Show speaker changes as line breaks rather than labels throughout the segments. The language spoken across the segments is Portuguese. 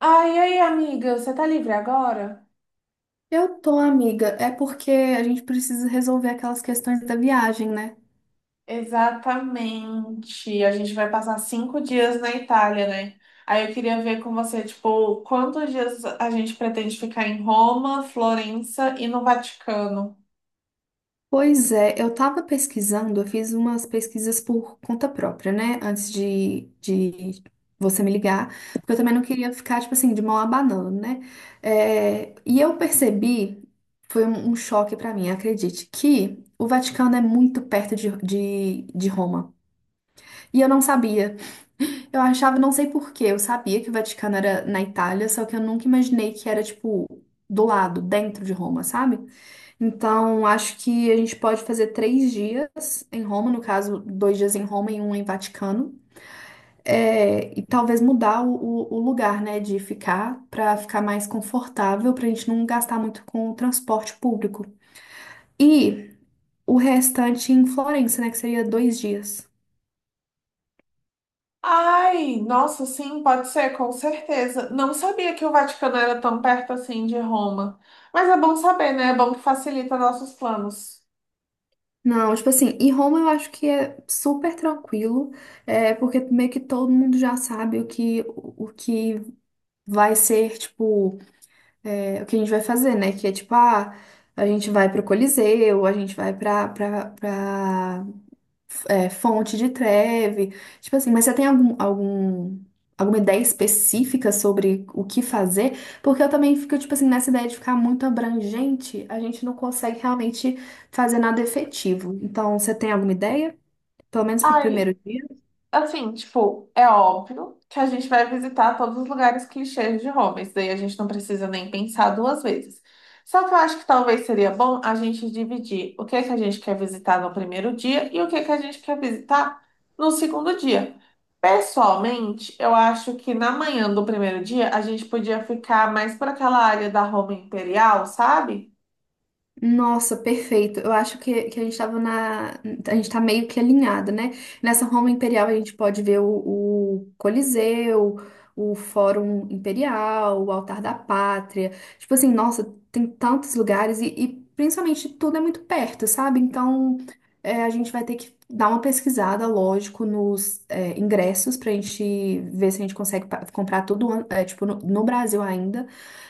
Ai, ai, amiga, você tá livre agora?
Eu tô, amiga. É porque a gente precisa resolver aquelas questões da viagem, né?
Exatamente. A gente vai passar 5 dias na Itália, né? Aí eu queria ver com você, tipo, quantos dias a gente pretende ficar em Roma, Florença e no Vaticano?
Pois é, eu tava pesquisando, eu fiz umas pesquisas por conta própria, né? Antes de você me ligar, porque eu também não queria ficar, tipo assim, de mão abanando, né? É, e eu percebi, foi um choque pra mim, acredite, que o Vaticano é muito perto de Roma. E eu não sabia. Eu achava, não sei por quê, eu sabia que o Vaticano era na Itália, só que eu nunca imaginei que era, tipo, do lado, dentro de Roma, sabe? Então, acho que a gente pode fazer 3 dias em Roma, no caso, 2 dias em Roma e um em Vaticano. É, e talvez mudar o lugar, né, de ficar, pra ficar mais confortável, pra gente não gastar muito com o transporte público. E o restante em Florença, né, que seria 2 dias.
Ai, nossa, sim, pode ser, com certeza. Não sabia que o Vaticano era tão perto assim de Roma. Mas é bom saber, né? É bom que facilita nossos planos.
Não, tipo assim, e Roma eu acho que é super tranquilo, é, porque meio que todo mundo já sabe o que vai ser, tipo, o que a gente vai fazer, né? Que é tipo, ah, a gente vai pro Coliseu, a gente vai pra fonte de treve. Tipo assim, mas você tem alguma ideia específica sobre o que fazer? Porque eu também fico, tipo assim, nessa ideia de ficar muito abrangente, a gente não consegue realmente fazer nada efetivo. Então, você tem alguma ideia? Pelo menos pro primeiro
Ai,
dia?
assim, tipo, é óbvio que a gente vai visitar todos os lugares clichês de Roma, isso daí a gente não precisa nem pensar duas vezes. Só que eu acho que talvez seria bom a gente dividir o que é que a gente quer visitar no primeiro dia e o que é que a gente quer visitar no segundo dia. Pessoalmente, eu acho que na manhã do primeiro dia a gente podia ficar mais por aquela área da Roma Imperial, sabe?
Nossa, perfeito. Eu acho que a gente estava na. A gente tá meio que alinhado, né? Nessa Roma Imperial a gente pode ver o Coliseu, o Fórum Imperial, o Altar da Pátria. Tipo assim, nossa, tem tantos lugares e principalmente tudo é muito perto, sabe? Então a gente vai ter que dar uma pesquisada, lógico, nos ingressos pra gente ver se a gente consegue comprar tudo, é, tipo, no Brasil ainda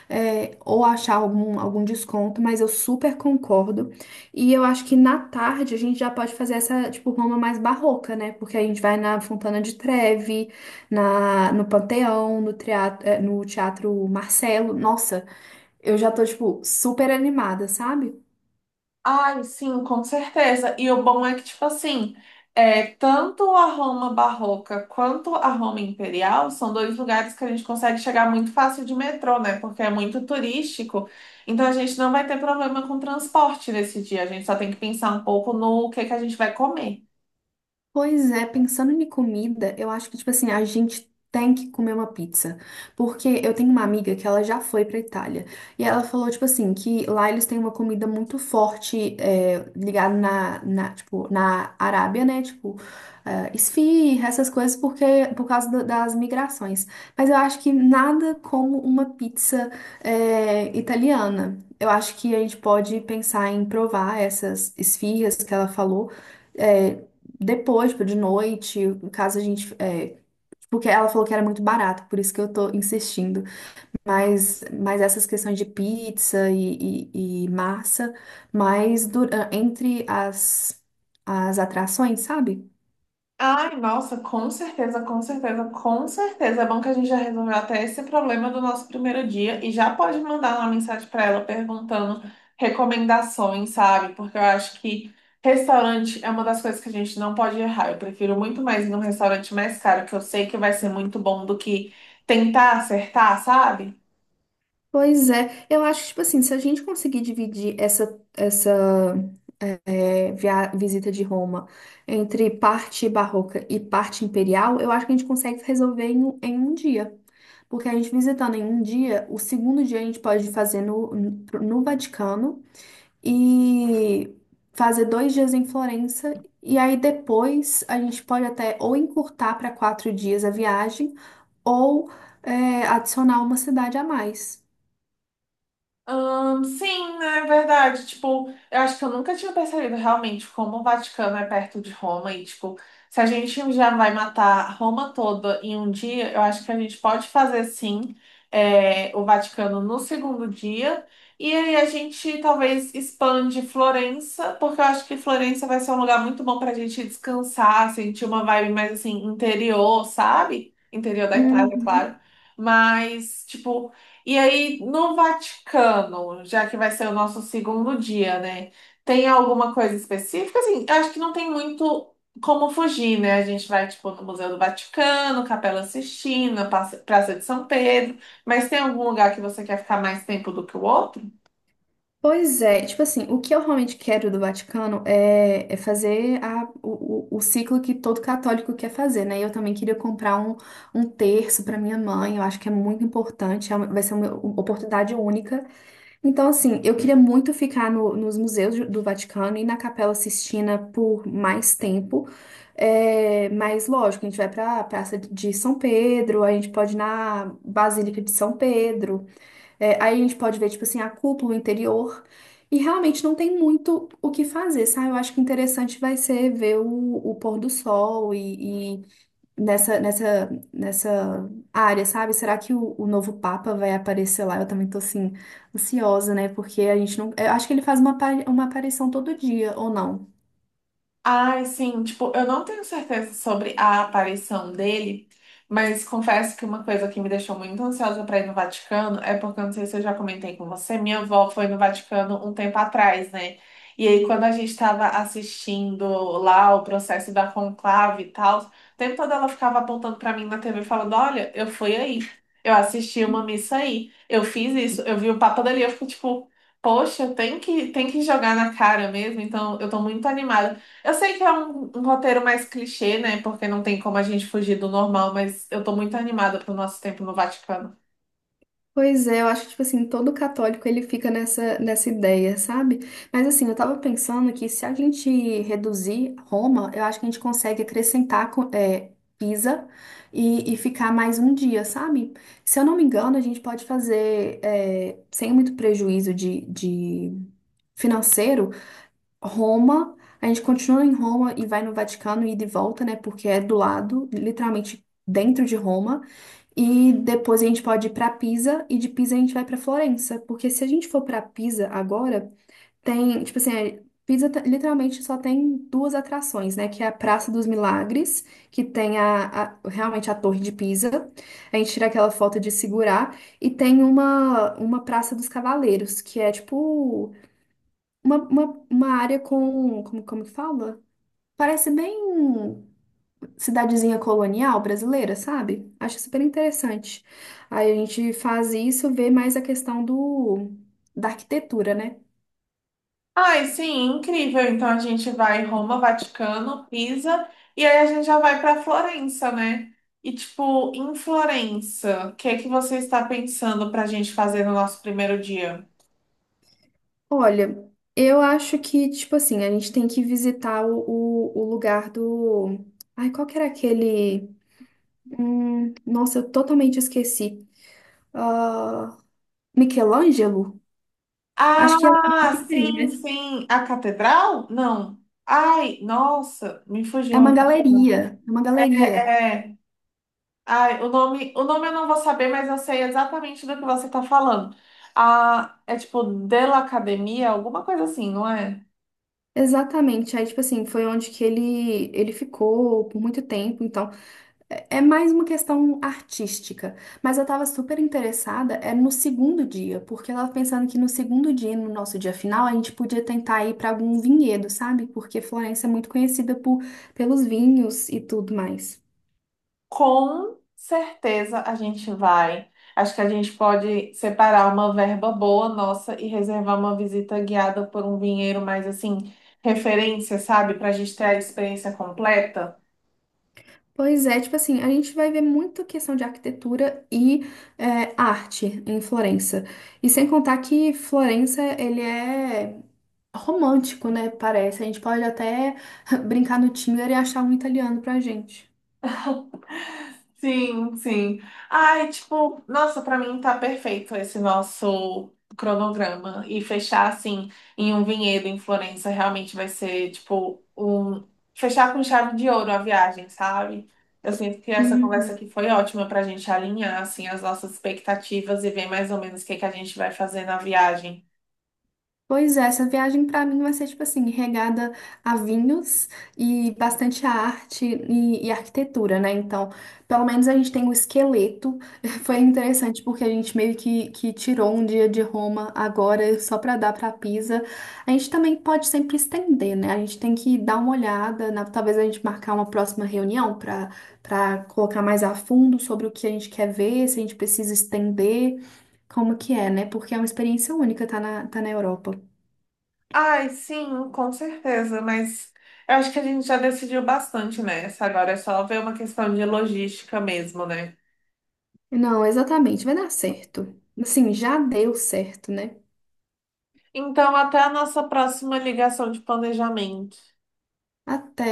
ou achar algum desconto, mas eu super concordo. E eu acho que na tarde a gente já pode fazer essa, tipo, Roma mais barroca, né? Porque a gente vai na Fontana de Trevi, no Panteão, no teatro, no Teatro Marcelo. Nossa, eu já tô, tipo, super animada, sabe?
Ai, sim, com certeza. E o bom é que, tipo assim, tanto a Roma barroca quanto a Roma imperial são dois lugares que a gente consegue chegar muito fácil de metrô, né? Porque é muito turístico. Então a gente não vai ter problema com transporte nesse dia. A gente só tem que pensar um pouco no que a gente vai comer.
Pois é, pensando em comida, eu acho que, tipo assim, a gente tem que comer uma pizza. Porque eu tenho uma amiga que ela já foi pra Itália. E ela falou, tipo assim, que lá eles têm uma comida muito forte, é, ligada tipo, na Arábia, né? Tipo, esfirra, essas coisas, porque, por causa das migrações. Mas eu acho que nada como uma pizza, italiana. Eu acho que a gente pode pensar em provar essas esfirras que ela falou. é, Depois, tipo, de noite, caso a gente. É, porque ela falou que era muito barato, por isso que eu tô insistindo. Mas essas questões de pizza e massa, mas entre as atrações, sabe?
Ai, nossa, com certeza, com certeza, com certeza. É bom que a gente já resolveu até esse problema do nosso primeiro dia e já pode mandar uma mensagem para ela perguntando recomendações, sabe? Porque eu acho que restaurante é uma das coisas que a gente não pode errar. Eu prefiro muito mais ir num restaurante mais caro, que eu sei que vai ser muito bom, do que tentar acertar, sabe?
Pois é, eu acho que, tipo assim, se a gente conseguir dividir essa visita de Roma entre parte barroca e parte imperial, eu acho que a gente consegue resolver em um dia. Porque a gente visitando em um dia, o segundo dia a gente pode fazer no Vaticano e fazer 2 dias em Florença. E aí depois a gente pode até ou encurtar para 4 dias a viagem ou adicionar uma cidade a mais.
Sim, né, é verdade. Tipo, eu acho que eu nunca tinha percebido realmente como o Vaticano é perto de Roma e, tipo, se a gente já vai matar Roma toda em um dia, eu acho que a gente pode fazer, sim, o Vaticano no segundo dia. E aí a gente talvez expande Florença, porque eu acho que Florença vai ser um lugar muito bom pra gente descansar, sentir uma vibe mais, assim, interior, sabe? Interior da Itália, claro.
Uhum.
Mas, tipo, e aí, no Vaticano, já que vai ser o nosso segundo dia, né? Tem alguma coisa específica? Assim, eu acho que não tem muito como fugir, né? A gente vai, tipo, no Museu do Vaticano, Capela Sistina, Praça de São Pedro, mas tem algum lugar que você quer ficar mais tempo do que o outro?
Pois é, tipo assim, o que eu realmente quero do Vaticano é fazer o ciclo que todo católico quer fazer, né? Eu também queria comprar um terço para minha mãe, eu acho que é muito importante, é vai ser uma oportunidade única. Então, assim, eu queria muito ficar nos museus do Vaticano e na Capela Sistina por mais tempo. É, mas, lógico, a gente vai para a Praça de São Pedro, a gente pode ir na Basílica de São Pedro. É, aí a gente pode ver, tipo assim, a cúpula o interior. E realmente não tem muito o que fazer, sabe? Eu acho que interessante vai ser ver o pôr do sol e nessa área, sabe? Será que o novo Papa vai aparecer lá? Eu também tô, assim, ansiosa, né? Porque a gente não. Eu acho que ele faz uma aparição todo dia, ou não?
Ai, sim, tipo, eu não tenho certeza sobre a aparição dele, mas confesso que uma coisa que me deixou muito ansiosa para ir no Vaticano é porque, eu não sei se eu já comentei com você, minha avó foi no Vaticano um tempo atrás, né? E aí, quando a gente estava assistindo lá o processo da conclave e tal, o tempo todo ela ficava apontando para mim na TV falando: Olha, eu fui aí, eu assisti uma missa aí, eu fiz isso, eu vi o Papa dali, eu fico tipo. Poxa, tem que jogar na cara mesmo, então eu tô muito animada. Eu sei que é um roteiro mais clichê, né? Porque não tem como a gente fugir do normal, mas eu tô muito animada pro nosso tempo no Vaticano.
Pois é, eu acho que, tipo assim, todo católico ele fica nessa ideia, sabe? Mas assim, eu tava pensando que se a gente reduzir Roma, eu acho que a gente consegue acrescentar Pisa e ficar mais um dia, sabe? Se eu não me engano, a gente pode fazer, sem muito prejuízo de financeiro, Roma, a gente continua em Roma e vai no Vaticano e de volta, né? Porque é do lado, literalmente dentro de Roma. E depois a gente pode ir para Pisa e de Pisa a gente vai para Florença, porque se a gente for para Pisa agora, tem, tipo assim, literalmente só tem 2 atrações, né? Que é a Praça dos Milagres, que tem realmente a Torre de Pisa. A gente tira aquela foto de segurar e tem uma Praça dos Cavaleiros, que é tipo uma área com, como que fala? Parece bem cidadezinha colonial brasileira, sabe? Acho super interessante. Aí a gente faz isso, vê mais a questão da arquitetura, né?
Ai, sim, incrível. Então a gente vai Roma, Vaticano, Pisa, e aí a gente já vai pra Florença, né? E tipo, em Florença, o que é que você está pensando pra gente fazer no nosso primeiro dia?
Olha, eu acho que, tipo assim, a gente tem que visitar o lugar do. Ai, qual que era aquele. Nossa, eu totalmente esqueci. Ah, Michelangelo? Acho que é o que
Ah,
tem,
sim,
né?
sim. A catedral? Não. Ai, nossa, me
É uma
fugiu.
galeria. É uma galeria.
É. Ai, o nome eu não vou saber, mas eu sei exatamente do que você tá falando. Ah, é tipo Della Academia, alguma coisa assim, não é?
Exatamente. Aí, tipo assim, foi onde que ele ficou por muito tempo. Então, é mais uma questão artística. Mas eu tava super interessada, é no segundo dia, porque eu tava pensando que no segundo dia, no nosso dia final, a gente podia tentar ir pra algum vinhedo, sabe? Porque Florença é muito conhecida pelos vinhos e tudo mais.
Com certeza a gente vai. Acho que a gente pode separar uma verba boa nossa e reservar uma visita guiada por um vinheiro mais assim, referência, sabe? Pra gente ter a experiência completa.
Pois é, tipo assim, a gente vai ver muita questão de arquitetura e arte em Florença. E sem contar que Florença, ele é romântico, né? Parece. A gente pode até brincar no Tinder e achar um italiano pra gente.
Sim, sim. Ai, tipo, nossa, pra mim tá perfeito esse nosso cronograma. E fechar assim em um vinhedo em Florença realmente vai ser, tipo, um. Fechar com chave de ouro a viagem, sabe? Eu sinto que essa conversa
Uhum.
aqui foi ótima pra gente alinhar, assim, as nossas expectativas e ver mais ou menos o que que a gente vai fazer na viagem.
Pois é, essa viagem pra mim vai ser tipo assim, regada a vinhos e bastante arte e arquitetura, né? Então, pelo menos a gente tem o esqueleto. Foi interessante porque a gente meio que tirou um dia de Roma agora só pra dar pra Pisa. A gente também pode sempre estender, né? A gente tem que dar uma olhada, talvez a gente marcar uma próxima reunião pra para colocar mais a fundo sobre o que a gente quer ver, se a gente precisa estender, como que é, né? Porque é uma experiência única, tá na Europa.
Ai, sim, com certeza, mas eu acho que a gente já decidiu bastante nessa. Agora é só ver uma questão de logística mesmo, né?
Não, exatamente, vai dar certo. Assim, já deu certo, né?
Então, até a nossa próxima ligação de planejamento.
Até.